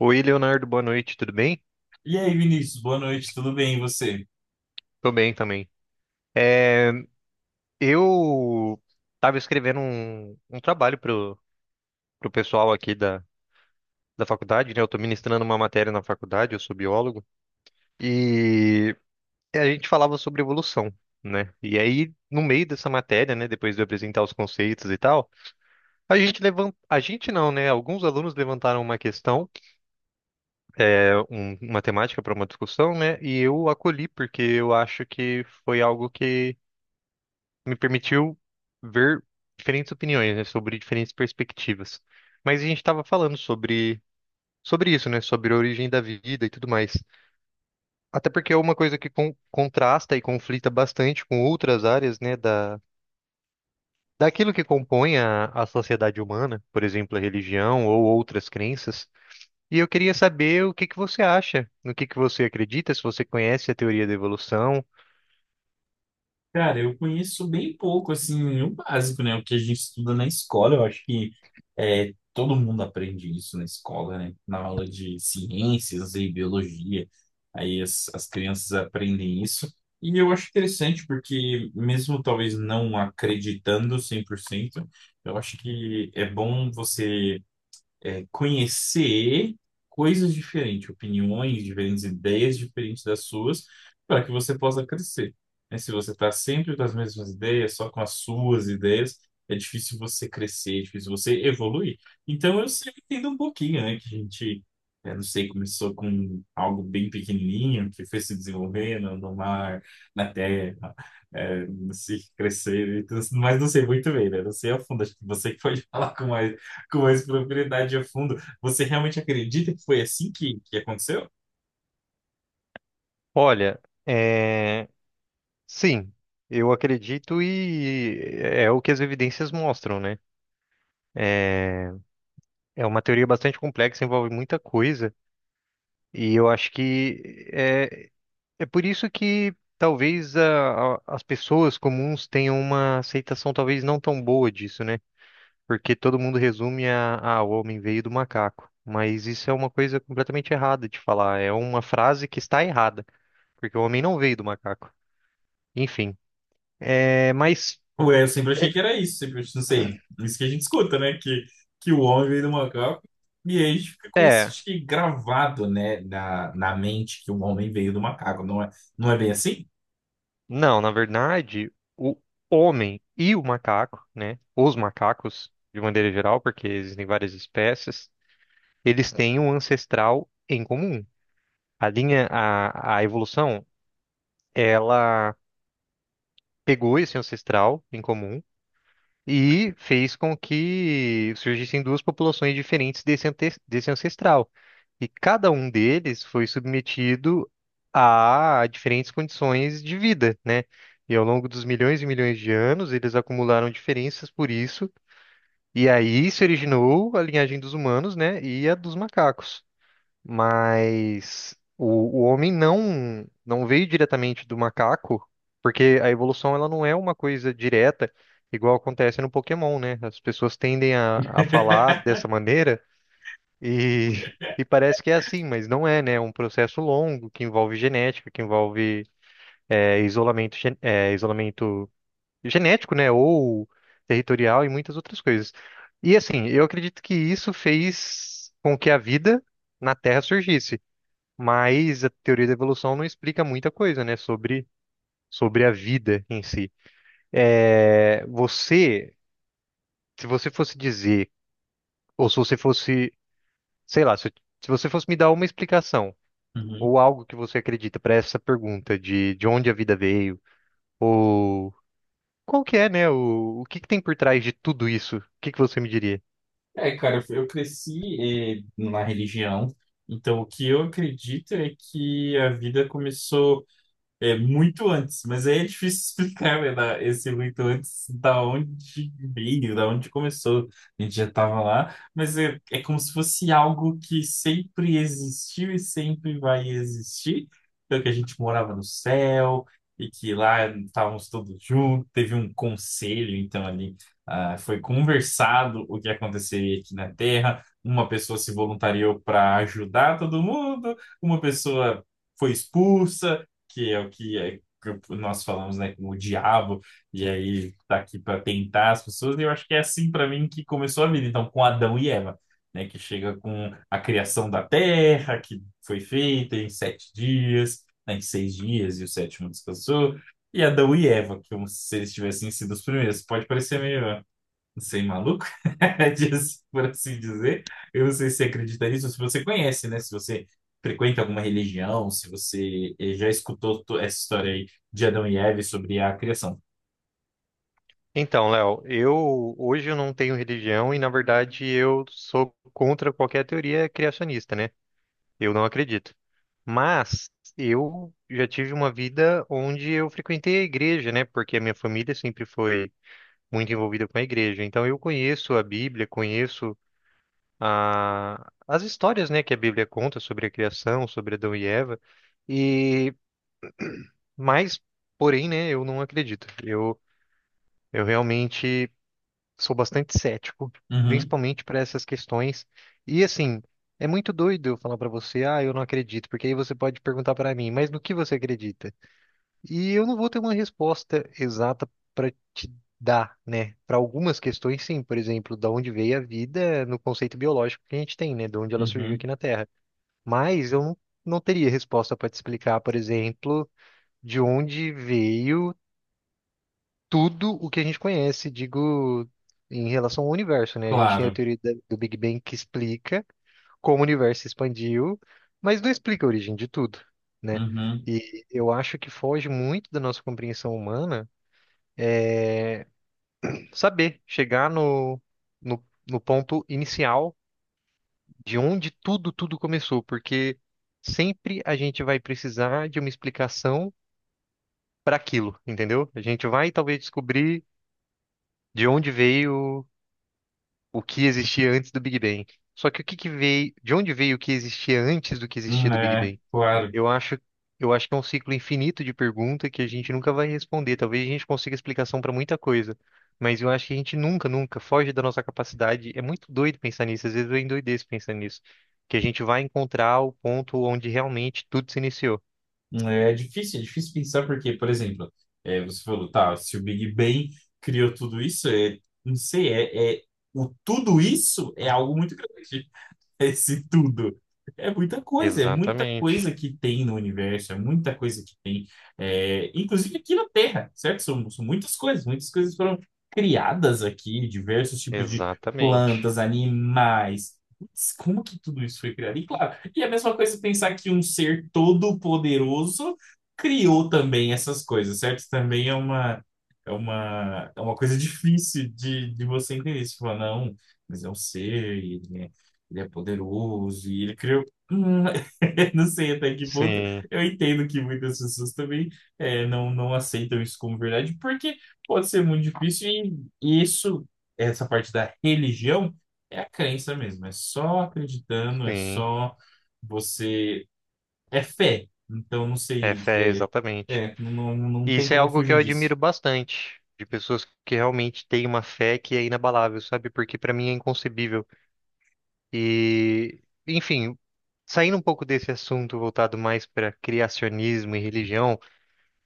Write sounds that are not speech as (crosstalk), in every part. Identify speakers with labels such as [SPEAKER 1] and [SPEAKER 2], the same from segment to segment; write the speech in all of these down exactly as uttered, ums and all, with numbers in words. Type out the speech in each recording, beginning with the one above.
[SPEAKER 1] Oi, Leonardo, boa noite, tudo bem?
[SPEAKER 2] E aí, Vinícius, boa noite, tudo bem? E você?
[SPEAKER 1] Tô bem também. É, eu estava escrevendo um, um trabalho pro, pro pessoal aqui da, da faculdade, né? Eu tô ministrando uma matéria na faculdade, eu sou biólogo, e a gente falava sobre evolução, né? E aí, no meio dessa matéria, né, depois de eu apresentar os conceitos e tal, a gente levanta, a gente não, né? Alguns alunos levantaram uma questão, é, um- uma temática para uma discussão, né? E eu acolhi porque eu acho que foi algo que me permitiu ver diferentes opiniões, né, sobre diferentes perspectivas. Mas a gente estava falando sobre sobre isso, né, sobre a origem da vida e tudo mais. Até porque é uma coisa que con- contrasta e conflita bastante com outras áreas, né, da daquilo que compõe a, a sociedade humana, por exemplo, a religião ou outras crenças. E eu queria saber o que que você acha, no que que você acredita, se você conhece a teoria da evolução.
[SPEAKER 2] Cara, eu conheço bem pouco, assim, o básico, né? O que a gente estuda na escola, eu acho que é, todo mundo aprende isso na escola, né? Na aula de ciências e biologia, aí as, as crianças aprendem isso. E eu acho interessante, porque mesmo talvez não acreditando cem por cento, eu acho que é bom você é, conhecer coisas diferentes, opiniões diferentes, ideias diferentes das suas, para que você possa crescer, né? Se você está sempre com as mesmas ideias, só com as suas ideias, é difícil você crescer, é difícil você evoluir. Então eu sempre entendo um pouquinho, né? Que a gente, é, Não sei, começou com algo bem pequenininho, que foi se desenvolvendo no mar, na terra, é, se crescer, e tudo, mas não sei muito bem, né? Não sei a fundo, acho que você que pode (laughs) falar com mais com mais profundidade a fundo. Você realmente acredita que foi assim que, que aconteceu?
[SPEAKER 1] Olha, é... sim, eu acredito e é é o que as evidências mostram, né? É é uma teoria bastante complexa, envolve muita coisa, e eu acho que é, é por isso que talvez a- a- as pessoas comuns tenham uma aceitação talvez não tão boa disso, né? Porque todo mundo resume a, ah, o homem veio do macaco. Mas isso é uma coisa completamente errada de falar, é uma frase que está errada, porque o homem não veio do macaco. Enfim, é, mas.
[SPEAKER 2] Ou é, eu sempre achei que era isso, sempre, não sei, isso que a gente escuta, né? Que, que o homem veio do macaco, e aí a gente fica com isso
[SPEAKER 1] é,
[SPEAKER 2] acho que, gravado, né, na, na mente que o homem veio do macaco, não é, não é bem assim?
[SPEAKER 1] não, na verdade, o homem e o macaco, né? Os macacos, de maneira geral, porque existem várias espécies, eles têm um ancestral em comum. A linha, a, a evolução, ela pegou esse ancestral em comum. E fez com que surgissem duas populações diferentes desse, ante- desse ancestral. E cada um deles foi submetido a diferentes condições de vida, né? E ao longo dos milhões e milhões de anos, eles acumularam diferenças por isso. E aí se originou a linhagem dos humanos, né? E a dos macacos. Mas o, o homem não não veio diretamente do macaco, porque a evolução ela não é uma coisa direta, igual acontece no Pokémon, né? As pessoas tendem a, a falar dessa
[SPEAKER 2] (laughs)
[SPEAKER 1] maneira e, (laughs) e parece que é assim, mas não é, né? É um processo longo que envolve genética, que envolve é, isolamento, gen- é, isolamento genético, né? Ou territorial e muitas outras coisas. E assim, eu acredito que isso fez com que a vida na Terra surgisse, mas a teoria da evolução não explica muita coisa, né, sobre, sobre a vida em si. É, você, se você fosse dizer, ou se você fosse, sei lá, se, se você fosse me dar uma explicação,
[SPEAKER 2] Uhum.
[SPEAKER 1] ou algo que você acredita para essa pergunta de, de onde a vida veio, ou qual que é, né, o, o que que tem por trás de tudo isso, o que que você me diria?
[SPEAKER 2] É, cara, eu eu cresci eh, na religião, então o que eu acredito é que a vida começou. É muito antes, mas aí é difícil (laughs) explicar, né, da- esse muito antes, da onde veio, da onde começou. A gente já estava lá, mas é, é como se fosse algo que sempre existiu e sempre vai existir. Então, que a gente morava no céu e que lá estávamos todos juntos, teve um conselho, então ali ah, foi conversado o que aconteceria aqui na Terra. Uma pessoa se voluntariou para ajudar todo mundo, uma pessoa foi expulsa, que é o que é, que nós falamos, né, como o diabo, e aí tá aqui para tentar as pessoas, e eu acho que é assim para mim que começou a vida, então, com Adão e Eva, né, que chega com a criação da terra, que foi feita em sete dias, né, em seis dias, e o sétimo descansou, e Adão e Eva, que como se eles tivessem sido os primeiros, pode parecer meio sem maluco, (laughs) diz- por assim dizer. Eu não sei se você acredita nisso, se você conhece, né? Se você frequenta alguma religião, se você eh, já escutou to- essa história aí de Adão e Eva sobre a criação.
[SPEAKER 1] Então, Léo, eu hoje eu não tenho religião e, na verdade, eu sou contra qualquer teoria criacionista, né? Eu não acredito. Mas eu já tive uma vida onde eu frequentei a igreja, né? Porque a minha família sempre foi muito envolvida com a igreja. Então eu conheço a Bíblia, conheço a... as histórias, né, que a Bíblia conta sobre a criação, sobre Adão e Eva. E mas, porém, né, eu não acredito. Eu eu realmente sou bastante cético,
[SPEAKER 2] Uhum,
[SPEAKER 1] principalmente para essas questões. E assim, é muito doido eu falar para você, ah, eu não acredito, porque aí você pode perguntar para mim, mas no que você acredita? E eu não vou ter uma resposta exata para te dar, né? Para algumas questões, sim, por exemplo, da onde veio a vida no conceito biológico que a gente tem, né? De onde ela surgiu
[SPEAKER 2] uhum,
[SPEAKER 1] aqui na Terra. Mas eu não, não teria resposta para te explicar, por exemplo, de onde veio tudo o que a gente conhece, digo, em relação ao universo, né? A gente tem a
[SPEAKER 2] claro.
[SPEAKER 1] teoria da- do Big Bang que explica como o universo se expandiu, mas não explica a origem de tudo, né?
[SPEAKER 2] Uhum,
[SPEAKER 1] E eu acho que foge muito da nossa compreensão humana saber chegar no, no, no ponto inicial de onde tudo, tudo começou, porque sempre a gente vai precisar de uma explicação para aquilo, entendeu? A gente vai talvez descobrir de onde veio o que existia antes do Big Bang. Só que o que que veio, de onde veio o que existia antes do que existia
[SPEAKER 2] hum,
[SPEAKER 1] do Big
[SPEAKER 2] é,
[SPEAKER 1] Bang?
[SPEAKER 2] claro.
[SPEAKER 1] Eu acho, eu acho que é um ciclo infinito de pergunta que a gente nunca vai responder. Talvez a gente consiga explicação para muita coisa, mas eu acho que a gente nunca, nunca foge da nossa capacidade. É muito doido pensar nisso, às vezes eu endoideço pensando nisso, que a gente vai encontrar o ponto onde realmente tudo se iniciou.
[SPEAKER 2] Hum, É difícil, é difícil pensar porque, por exemplo, eh, você falou, tá, se o Big Bang criou tudo isso, é, não sei, é, é, o tudo isso é algo muito grande. Esse tudo. É muita coisa, é muita
[SPEAKER 1] Exatamente,
[SPEAKER 2] coisa que tem no universo, é muita coisa que tem, é, inclusive aqui na Terra, certo? São, são muitas coisas, muitas coisas foram criadas aqui, diversos tipos de
[SPEAKER 1] exatamente.
[SPEAKER 2] plantas, animais. Putz, como que tudo isso foi criado? E claro, e é a mesma coisa pensar que um ser todo-poderoso criou também essas coisas, certo? Também é uma, é uma, é uma coisa (laughs) difícil de, de você entender. Você fala, não. Mas é um ser, ele é poderoso e ele criou. (laughs) Não sei até que ponto.
[SPEAKER 1] Sim,
[SPEAKER 2] Eu entendo que muitas pessoas também eh, não, não aceitam isso como verdade, porque pode ser muito difícil e isso, essa parte da religião, é a crença mesmo. É só acreditando, é
[SPEAKER 1] sim.
[SPEAKER 2] só você. É fé. Então, não
[SPEAKER 1] É
[SPEAKER 2] sei.
[SPEAKER 1] fé,
[SPEAKER 2] É,
[SPEAKER 1] exatamente.
[SPEAKER 2] é, não, não, não
[SPEAKER 1] E
[SPEAKER 2] tem
[SPEAKER 1] isso é
[SPEAKER 2] como
[SPEAKER 1] algo que
[SPEAKER 2] fugir
[SPEAKER 1] eu admiro
[SPEAKER 2] disso.
[SPEAKER 1] bastante, de pessoas que realmente têm uma fé que é inabalável, sabe? Porque para mim é inconcebível. E, enfim, saindo um pouco desse assunto voltado mais para criacionismo e religião,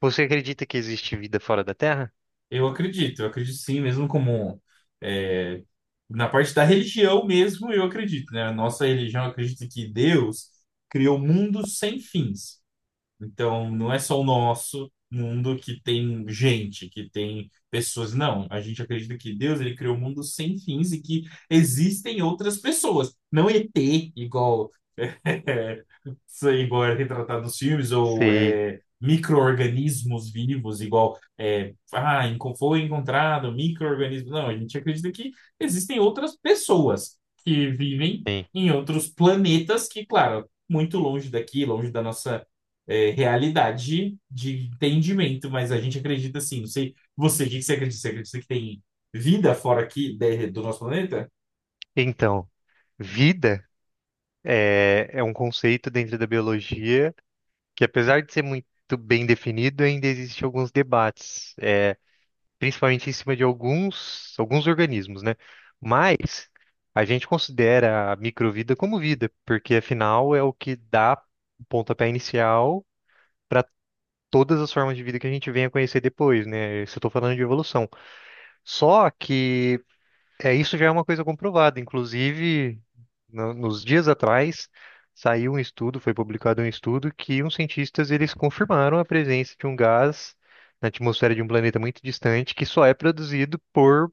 [SPEAKER 1] você acredita que existe vida fora da Terra?
[SPEAKER 2] Eu acredito, eu acredito sim, mesmo como é, na parte da religião mesmo, eu acredito, né? A nossa religião acredita que Deus criou o mundo sem fins. Então, não é só o nosso mundo que tem gente, que tem pessoas. Não, a gente acredita que Deus ele criou um mundo sem fins e que existem outras pessoas. Não E T, igual, (laughs) sei, igual é retratado nos filmes, ou
[SPEAKER 1] Sim.
[SPEAKER 2] é, micro-organismos vivos, igual é, ah, enco- foi encontrado micro-organismo. Não, a gente acredita que existem outras pessoas que vivem
[SPEAKER 1] Sim.
[SPEAKER 2] em outros planetas que, claro, muito longe daqui, longe da nossa é, realidade de entendimento, mas a gente acredita assim, não sei, você, o que que você acredita? Você acredita que tem vida fora aqui de- do nosso planeta?
[SPEAKER 1] Então, vida é, é um conceito dentro da biologia que, apesar de ser muito bem definido, ainda existem alguns debates, é, principalmente em cima de alguns, alguns organismos, né? Mas a gente considera a microvida como vida, porque afinal é o que dá o pontapé inicial para todas as formas de vida que a gente venha conhecer depois, né? Isso eu tô falando de evolução. Só que é, isso já é uma coisa comprovada. Inclusive, no- nos dias atrás, saiu um estudo, foi publicado um estudo que uns cientistas eles confirmaram a presença de um gás na atmosfera de um planeta muito distante que só é produzido por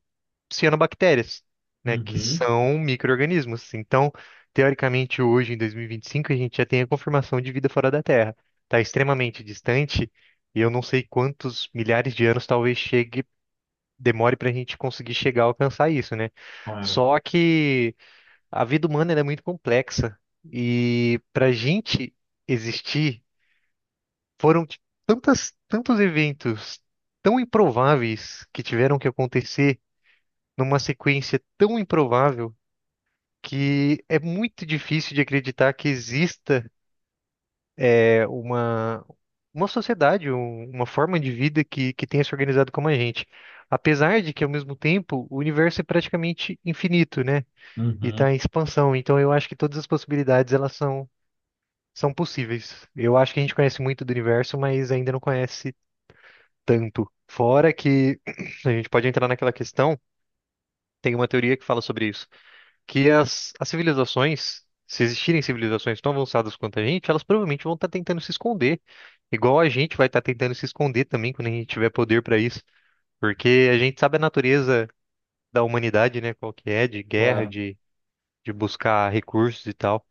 [SPEAKER 1] cianobactérias, né, que
[SPEAKER 2] Uhum,
[SPEAKER 1] são micro-organismos. Então, teoricamente, hoje, em dois mil e vinte e cinco, a gente já tem a confirmação de vida fora da Terra. Está extremamente distante e eu não sei quantos milhares de anos talvez chegue, demore para a gente conseguir chegar a alcançar isso, né?
[SPEAKER 2] claro.
[SPEAKER 1] Só que a vida humana ela é muito complexa e para a gente existir foram t- tantas, tantos eventos tão improváveis que tiveram que acontecer numa sequência tão improvável que é muito difícil de acreditar que exista é, uma, uma sociedade, um- uma forma de vida que, que tenha se organizado como a gente. Apesar de que, ao mesmo tempo, o universo é praticamente infinito, né? E
[SPEAKER 2] Uhum,
[SPEAKER 1] está em expansão. Então, eu acho que todas as possibilidades elas são, são possíveis. Eu acho que a gente conhece muito do universo, mas ainda não conhece tanto. Fora que (clears throat) a gente pode entrar naquela questão, tem uma teoria que fala sobre isso que as, as civilizações, se existirem civilizações tão avançadas quanto a gente, elas provavelmente vão estar tentando se esconder. Igual a gente vai estar tentando se esconder também quando a gente tiver poder para isso. Porque a gente sabe a natureza da humanidade, né? Qual que é, de guerra,
[SPEAKER 2] claro.
[SPEAKER 1] de, de buscar recursos e tal.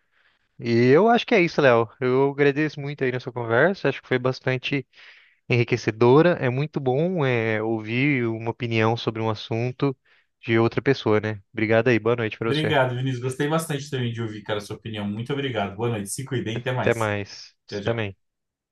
[SPEAKER 1] E eu acho que é isso, Léo. Eu agradeço muito aí nessa conversa. Acho que foi bastante enriquecedora. É muito bom, é, ouvir uma opinião sobre um assunto de outra pessoa, né? Obrigado aí. Boa noite para você.
[SPEAKER 2] Obrigado, Vinícius. Gostei bastante também de ouvir, cara, a sua opinião. Muito obrigado. Boa noite. Se cuidem, até
[SPEAKER 1] Até
[SPEAKER 2] mais.
[SPEAKER 1] mais.
[SPEAKER 2] Tchau,
[SPEAKER 1] Você
[SPEAKER 2] tchau.
[SPEAKER 1] também.